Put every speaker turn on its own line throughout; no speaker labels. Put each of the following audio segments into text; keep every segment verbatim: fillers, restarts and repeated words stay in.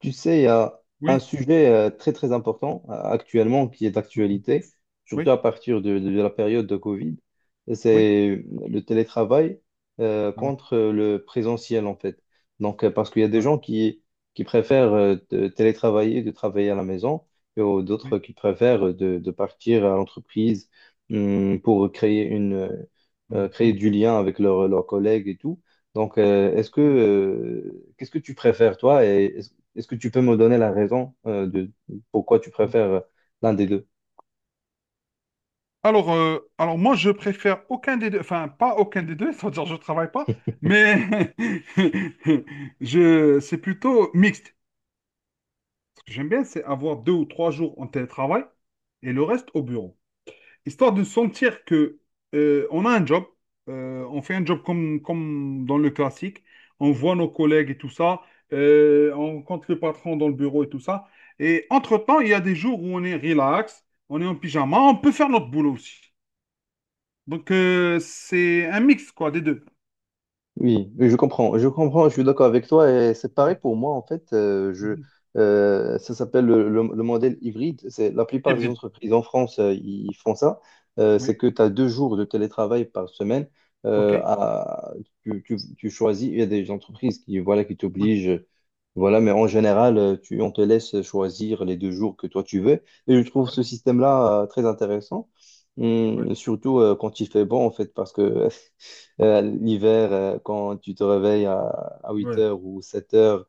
Tu sais, il y a un
Oui,
sujet euh, très très important euh, actuellement qui est
mm,
d'actualité, surtout
oui,
à partir de, de la période de Covid,
oui,
c'est le télétravail euh,
ah ouais,
contre le présentiel en fait. Donc euh, parce qu'il y a des
ouais,
gens qui, qui préfèrent euh, de télétravailler, de travailler à la maison, et au- d'autres
oui.
qui préfèrent de, de partir à l'entreprise hum, pour créer une euh,
Mm,
créer
mm,
du lien avec leurs leurs collègues et tout. Donc, euh, est-ce que
mm,
euh, qu'est-ce que tu préfères toi et est-ce que tu peux me donner la raison euh, de pourquoi tu
mm.
préfères euh, l'un des deux?
Alors, euh, alors moi, je préfère aucun des deux, enfin, pas aucun des deux, c'est-à-dire je travaille pas, mais je, c'est plutôt mixte. Ce que j'aime bien, c'est avoir deux ou trois jours en télétravail et le reste au bureau. Histoire de sentir que euh, on a un job, euh, on fait un job comme, comme dans le classique, on voit nos collègues et tout ça, euh, on rencontre le patron dans le bureau et tout ça. Et entre-temps, il y a des jours où on est relax, on est en pyjama, on peut faire notre boulot aussi. Donc euh, c'est un mix quoi des deux.
Oui, je comprends, je comprends, je suis d'accord avec toi et c'est
Mhm,
pareil pour moi en fait. euh, je,
mhm.
euh, ça s'appelle le, le- le modèle hybride. C'est la plupart des
Hybride.
entreprises en France, euh, ils font ça. Euh,
Oui.
c'est que tu as deux jours de télétravail par semaine. euh,
OK.
à- tu, tu- tu choisis. Il y a des entreprises qui voilà qui
Ouais.
t'obligent, voilà. Mais en général, euh, tu, on te laisse choisir les deux jours que toi tu veux. Et je trouve
Ouais.
ce système-là euh, très intéressant.
Ouais.
Hum, surtout euh, quand il fait bon en fait parce que euh, l'hiver, euh, quand tu te réveilles à huit
Ouais.
heures ou sept heures,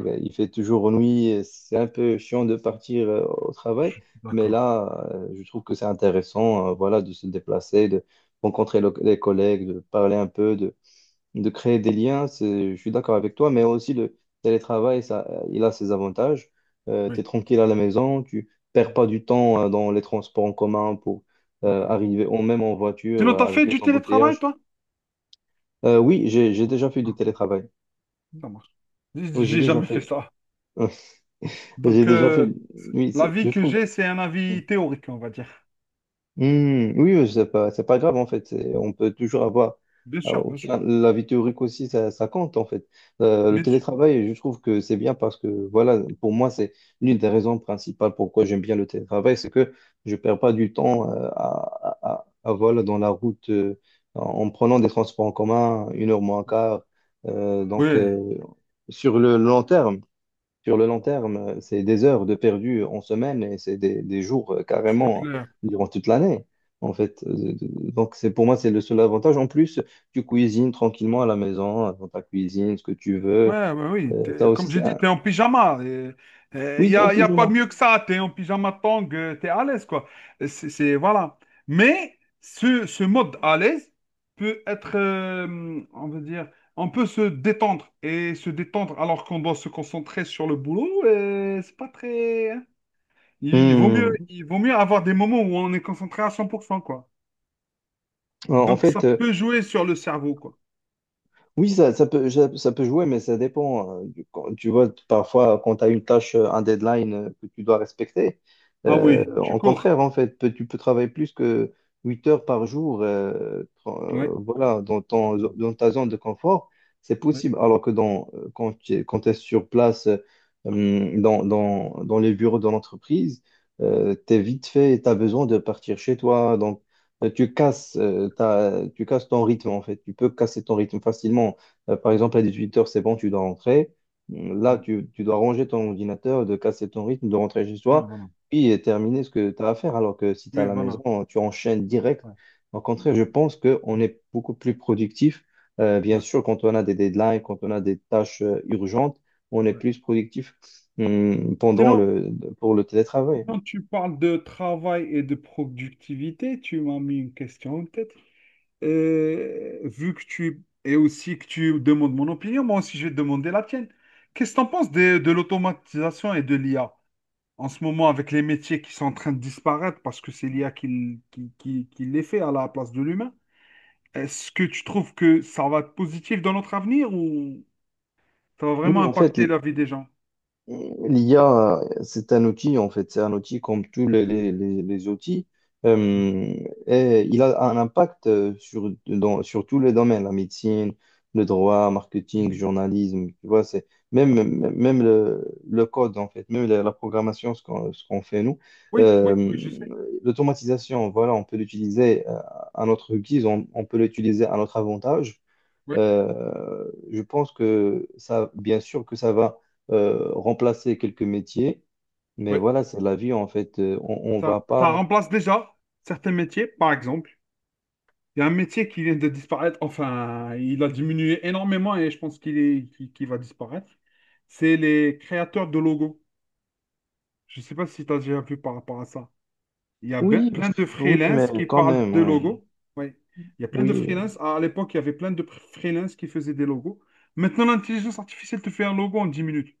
Ouais.
fait toujours nuit. Et c'est un peu chiant de partir euh, au travail, mais
D'accord.
là, euh, je trouve que c'est intéressant, euh, voilà, de se déplacer, de rencontrer le- les collègues, de parler un peu, de, de créer des liens. C'est- Je suis d'accord avec toi, mais aussi le télétravail, ça, euh, il a ses avantages. Tu es
Oui.
tranquille à la maison, tu perds
Mhm.
pas du temps euh, dans les transports en commun pour euh,
D'accord.
arriver, ou même en voiture
Sinon,
euh,
t'as
avec
fait
les
du télétravail,
embouteillages.
toi?
Euh, oui, j'ai j'ai déjà fait
Ah,
du
OK,
télétravail.
ça marche. J'ai
Oui, j'ai
j'ai
déjà
jamais fait
fait.
ça.
J'ai
Donc,
déjà fait.
euh,
Oui, c'est-
l'avis
je
que
trouve.
j'ai, c'est un
Hmm,
avis théorique, on va dire.
hmm, oui, oui, c'est pas, c'est pas grave en fait. C'est- On peut toujours avoir.
Bien
Ah,
sûr, bien
aussi,
sûr,
hein, la vie théorique aussi, ça, ça compte en fait. Euh, le
bien sûr.
télétravail, je trouve que c'est bien parce que voilà, pour moi, c'est l'une des raisons principales pourquoi j'aime bien le télétravail, c'est que je perds pas du temps euh, à, à, à- à, voilà, dans la route euh, en en prenant des transports en commun, une heure moins quart. Euh, donc,
Oui,
euh, sur le long terme. Sur le long terme, euh, c'est des heures de perdu en semaine et c'est des, des jours euh,
c'est
carrément
clair.
durant toute l'année, en fait. Euh, Donc, c'est pour moi, c'est le seul avantage. En plus, tu cuisines tranquillement à la maison, dans ta cuisine, ce que tu veux.
Ouais, ouais, oui.
Euh, ça
T'es-
aussi,
comme j'ai
c'est
dit,
un.
t'es en pyjama. Il
Oui,
n'y
t'es en
a, y a pas
pyjama.
mieux que ça. T'es en pyjama tong, tu es à l'aise, quoi. Et C'est, c'est- voilà. Mais ce, ce mode à l'aise peut être, euh, on va dire, on peut se détendre. Et se détendre alors qu'on doit se concentrer sur le boulot, euh, c'est pas très, hein. Il, il vaut mieux,
Hmm.
il vaut mieux avoir des moments où on est concentré à cent pour cent, quoi.
En en
Donc, ça
fait, euh,
peut jouer sur le cerveau, quoi.
Oui, ça, ça peut, ça, ça peut jouer, mais ça dépend. euh, du- quand- Tu vois, parfois, quand tu as une tâche, euh, un deadline euh, que tu dois respecter,
Ah
euh,
oui, tu
en
cours.
contraire, en fait, peut- tu peux travailler plus que huit heures par jour, euh, tra-
Oui,
euh, voilà, dans ton,
d'accord.
dans ta zone de confort, c'est
Oui,
possible. Alors que dans, euh, quand tu es, quand t'es sur place, euh, hum, dans, dans, dans les bureaux de l'entreprise, euh, t'es vite fait, tu as besoin de partir chez toi, euh, tu casses, euh, ta- tu casses ton rythme en fait. Tu peux casser ton rythme facilement. Euh, par
voilà.
exemple, à 18 heures c'est bon, tu dois rentrer. Mm, Là,
Ouais.
tu, tu dois ranger ton ordinateur, de casser ton rythme, de rentrer chez
Ah,
toi,
voilà.
puis euh, terminer ce que tu as à faire. Alors que si tu es à
Oui,
la
voilà.
maison, tu enchaînes direct.
Ouais.
Au contraire, je pense qu'on
Mm.
est beaucoup plus productif. Euh, bien
Ouais.
sûr, quand on a des deadlines, quand on a des tâches euh, urgentes, on est
Ouais.
plus productif mm, pendant
Sinon,
le, pour le télétravail.
quand tu parles de travail et de productivité, tu m'as mis une question en tête. Euh, vu que tu, et aussi que tu demandes mon opinion, moi aussi je vais te demander la tienne. Qu'est-ce que tu en penses de, de l'automatisation et de l'I A? En ce moment avec les métiers qui sont en train de disparaître parce que c'est l'I A qui, l- qui, qui- qui les fait à la place de l'humain. Est-ce que tu trouves que ça va être positif dans notre avenir ou ça va vraiment
Oui, en fait,
impacter la vie des gens?
l'I A, c'est un outil, en fait, c'est un outil comme tous les, les- les- les outils.
Non.
Euh, et il a un impact euh, sur, dans- sur tous les domaines, la médecine, le droit, marketing,
Mm.
journalisme, tu vois, c'est même, même même le, le code, en fait, même la, la programmation, ce qu'on ce qu'on fait nous.
Oui, oui,
Euh,
oui, je sais.
L'automatisation, voilà, on peut l'utiliser euh, à notre guise, on, on peut l'utiliser à notre avantage.
Oui,
Euh, je pense que ça, bien sûr que ça va euh, remplacer quelques métiers, mais
oui.
voilà, c'est la vie en fait. Euh, On, on va
Ça, ça
pas.
remplace déjà certains métiers, par exemple. Il y a un métier qui vient de disparaître, enfin, il a diminué énormément et je pense qu'il est, qu'il qu'il va disparaître. C'est les créateurs de logos. Je ne sais pas si tu as déjà vu par rapport à ça. Il y a ben-
Oui,
plein de
pff, oui, mais
freelance qui
quand
parlent
même,
de
ouais.
logos. Oui. Il y a plein de
Oui,
freelance. À à l'époque, il y avait plein de pr- freelance qui faisaient des logos. Maintenant, l'intelligence artificielle te fait un logo en dix minutes.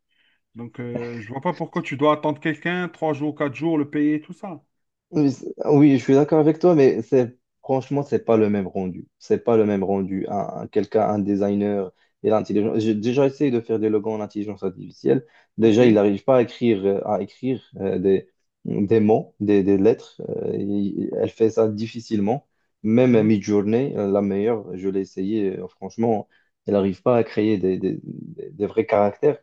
Donc, euh, je vois pas pourquoi tu dois attendre quelqu'un trois jours, quatre jours, le payer, tout ça.
Oui, c'est- oui, je suis d'accord avec toi, mais c'est franchement, c'est pas le même rendu. C'est pas le même rendu. Un, un- quelqu'un, un designer et l'intelligence. J'ai déjà essayé de faire des logos en intelligence artificielle. Déjà, il
OK.
n'arrive pas à écrire, euh, à écrire euh, des, des mots, des, des lettres. Euh, il- elle fait ça difficilement. Même à
Mhm.
Midjourney, euh, la meilleure, je l'ai essayé. Euh, franchement, elle n'arrive pas à créer des, des, des- des vrais caractères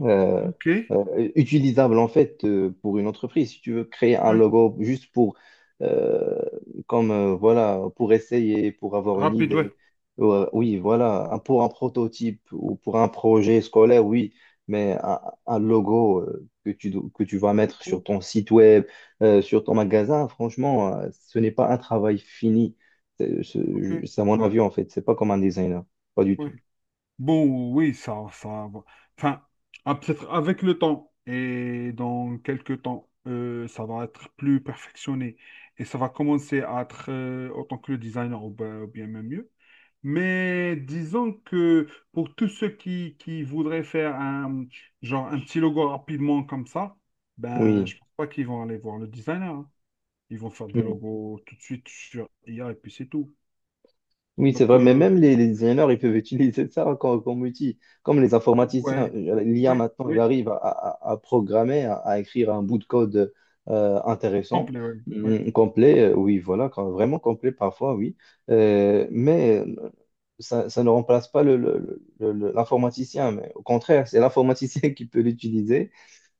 euh,
OK.
euh, utilisable en fait euh, pour une entreprise. Si tu veux créer un
Ouais.
logo juste pour, euh, comme euh, voilà, pour essayer, pour avoir une
Rapide, ouais.
idée, Ouais, oui, voilà, un- pour un prototype ou pour un projet scolaire, oui, mais un, un logo euh, que tu, do- que tu vas mettre sur
Cool.
ton site web, euh, sur ton magasin, franchement, euh, ce n'est pas un travail fini. C'est c'est-
OK.
c'est à mon avis en fait, c'est pas comme un designer, pas du tout.
Ouais. Bon, oui, ça, ça va. Enfin, ah, peut-être avec le temps et dans quelques temps, euh, ça va être plus perfectionné et ça va commencer à être euh, autant que le designer ou bien, ou bien même mieux. Mais disons que pour tous ceux qui, qui voudraient faire un, genre un petit logo rapidement comme ça, ben,
Oui.
je pense pas qu'ils vont aller voir le designer, hein. Ils vont faire des logos tout de suite sur I A et puis c'est tout.
Oui, c'est
Donc,
vrai, mais
euh,
même les, les designers, ils peuvent utiliser ça comme, comme outil. Comme les
ouais,
informaticiens, euh, l'I A
oui,
maintenant, il
oui,
arrive à, à- à programmer, à, à écrire un bout de code euh, intéressant,
complet, oui. Oui.
hum, complet, euh, oui, voilà, quand- vraiment complet parfois, oui. Euh, mais euh, ça, ça ne remplace pas le, le- le- le- l'informaticien, mais au contraire, c'est l'informaticien qui peut l'utiliser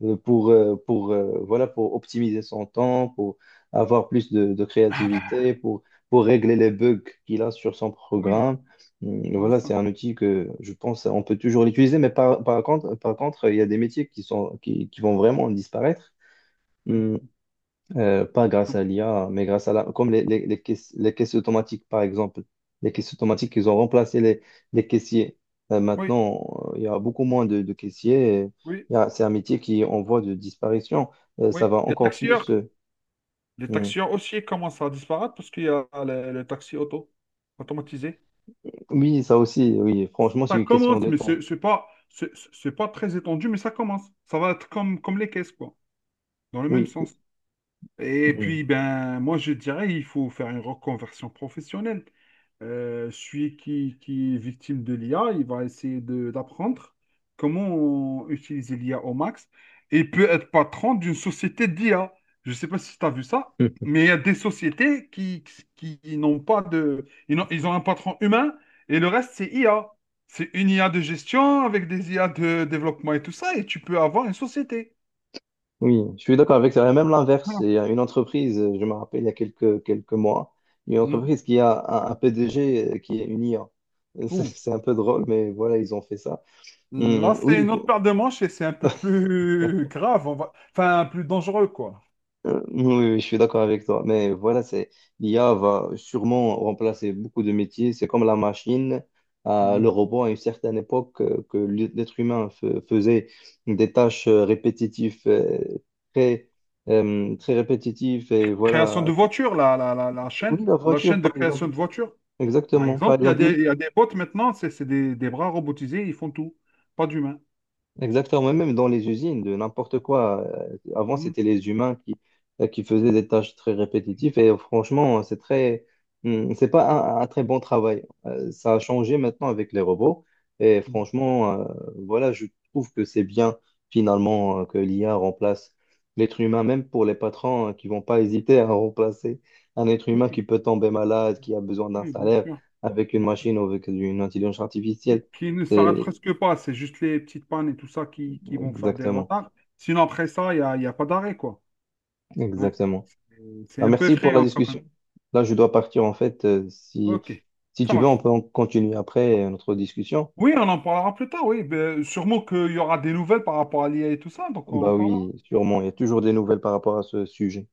euh, pour, euh, pour, euh, voilà, pour optimiser son temps, pour avoir plus de, de
Ah bah
créativité, pour pour régler les bugs qu'il a sur son
oui,
programme. Mm,
je vois
Voilà,
ça.
c'est un outil que je pense on peut toujours l'utiliser, mais par, par contre, par contre, il y a des métiers qui sont, qui, qui vont vraiment disparaître.
Oui,
Mm, euh, Pas grâce
tout-
à l'I A, mais grâce à la, comme les, les, les caisses, les caisses automatiques, par exemple. Les caisses automatiques, ils ont remplacé les, les caissiers. Euh,
oui,
maintenant, euh, il y a beaucoup moins de, de caissiers. et
oui.
il y a- C'est un métier qui est en voie de disparition. Euh, ça
Oui.
va
Les
encore
taxieurs,
plus. Euh,
les
mm.
taxieurs aussi commencent à disparaître parce qu'il y a le, le taxi auto automatisé.
Oui, ça aussi, oui. Franchement, c'est
Ça
une question
commence,
de
mais c'est
temps.
c'est pas c'est c'est pas très étendu, mais ça commence. Ça va être comme comme les caisses quoi, dans le même
Oui.
sens.
Hum,
Et puis,
hum.
ben, moi, je dirais il faut faire une reconversion professionnelle. Euh, celui qui, qui est victime de l'I A, il va essayer de- d'apprendre comment utiliser l'I A au max. Et il peut être patron d'une société d'I A. Je ne sais pas si tu as vu ça, mais il y a des sociétés qui, qui, n'ont pas de. Ils ont, ils ont un patron humain et le reste, c'est I A. C'est une I A de gestion avec des I A de développement et tout ça, et tu peux avoir une société.
Oui, je suis d'accord avec ça. Et même l'inverse,
Voilà.
il y a une entreprise, je me rappelle il y a quelques, quelques mois, une
Mhm.
entreprise qui a un, un P D G qui est une I A. C'est c'est un peu drôle, mais voilà, ils ont fait ça.
Là,
Hum, oui,
c'est
il
une autre
faut-
paire de manches et c'est un peu plus grave, on va... enfin plus dangereux, quoi.
euh, oui, oui, je suis d'accord avec toi. Mais voilà, c'est l'I A va sûrement remplacer beaucoup de métiers. C'est comme la machine, euh, le
Mhm.
robot à une certaine époque euh, que l'être humain fe- faisait des tâches euh, répétitives euh, très euh, très répétitif et
Création de
voilà.
voitures, la, la, la, la chaîne,
Oui, la
la
voiture,
chaîne de
par exemple.
création de voitures. Par
Exactement. Par
exemple, il y a
exemple.
des, il y a des bots maintenant, c'est c'est des, des bras robotisés, ils font tout, pas d'humains.
Exactement, même dans les usines, de n'importe quoi. Euh, Avant,
Mhm.
c'était les humains qui, euh, qui faisaient des tâches très répétitives et euh, franchement, euh, c'est très, hum, c'est pas un, un très bon travail. Euh, Ça a changé maintenant avec les robots et
Mhm.
franchement, euh, voilà, je trouve que c'est bien finalement euh, que l'I A remplace l'être humain, même pour les patrons euh, qui vont pas hésiter à remplacer un être humain qui
Oui,
peut tomber malade, qui a besoin d'un
oui, bien
salaire
sûr.
avec une
Bien sûr.
machine ou avec une intelligence
Qui,
artificielle.
qui ne s'arrêtent
C'est
presque pas, c'est juste les petites pannes et tout ça qui, qui vont faire des
exactement.
retards. Sinon, après ça, il n'y a, il y a pas d'arrêt, quoi. Ouais.
Exactement.
Euh, C'est
Ah,
un peu
merci pour la
effrayant quand même.
discussion. Là, je dois partir en fait. euh, Si,
OK,
si
ça
tu veux, on
marche.
peut en continuer après euh, notre discussion.
Oui, on en parlera plus tard, oui. Ben, sûrement qu'il y aura des nouvelles par rapport à l'I A et tout ça, donc on en
Bah
parlera.
oui, sûrement. Il y a toujours des nouvelles par rapport à ce sujet.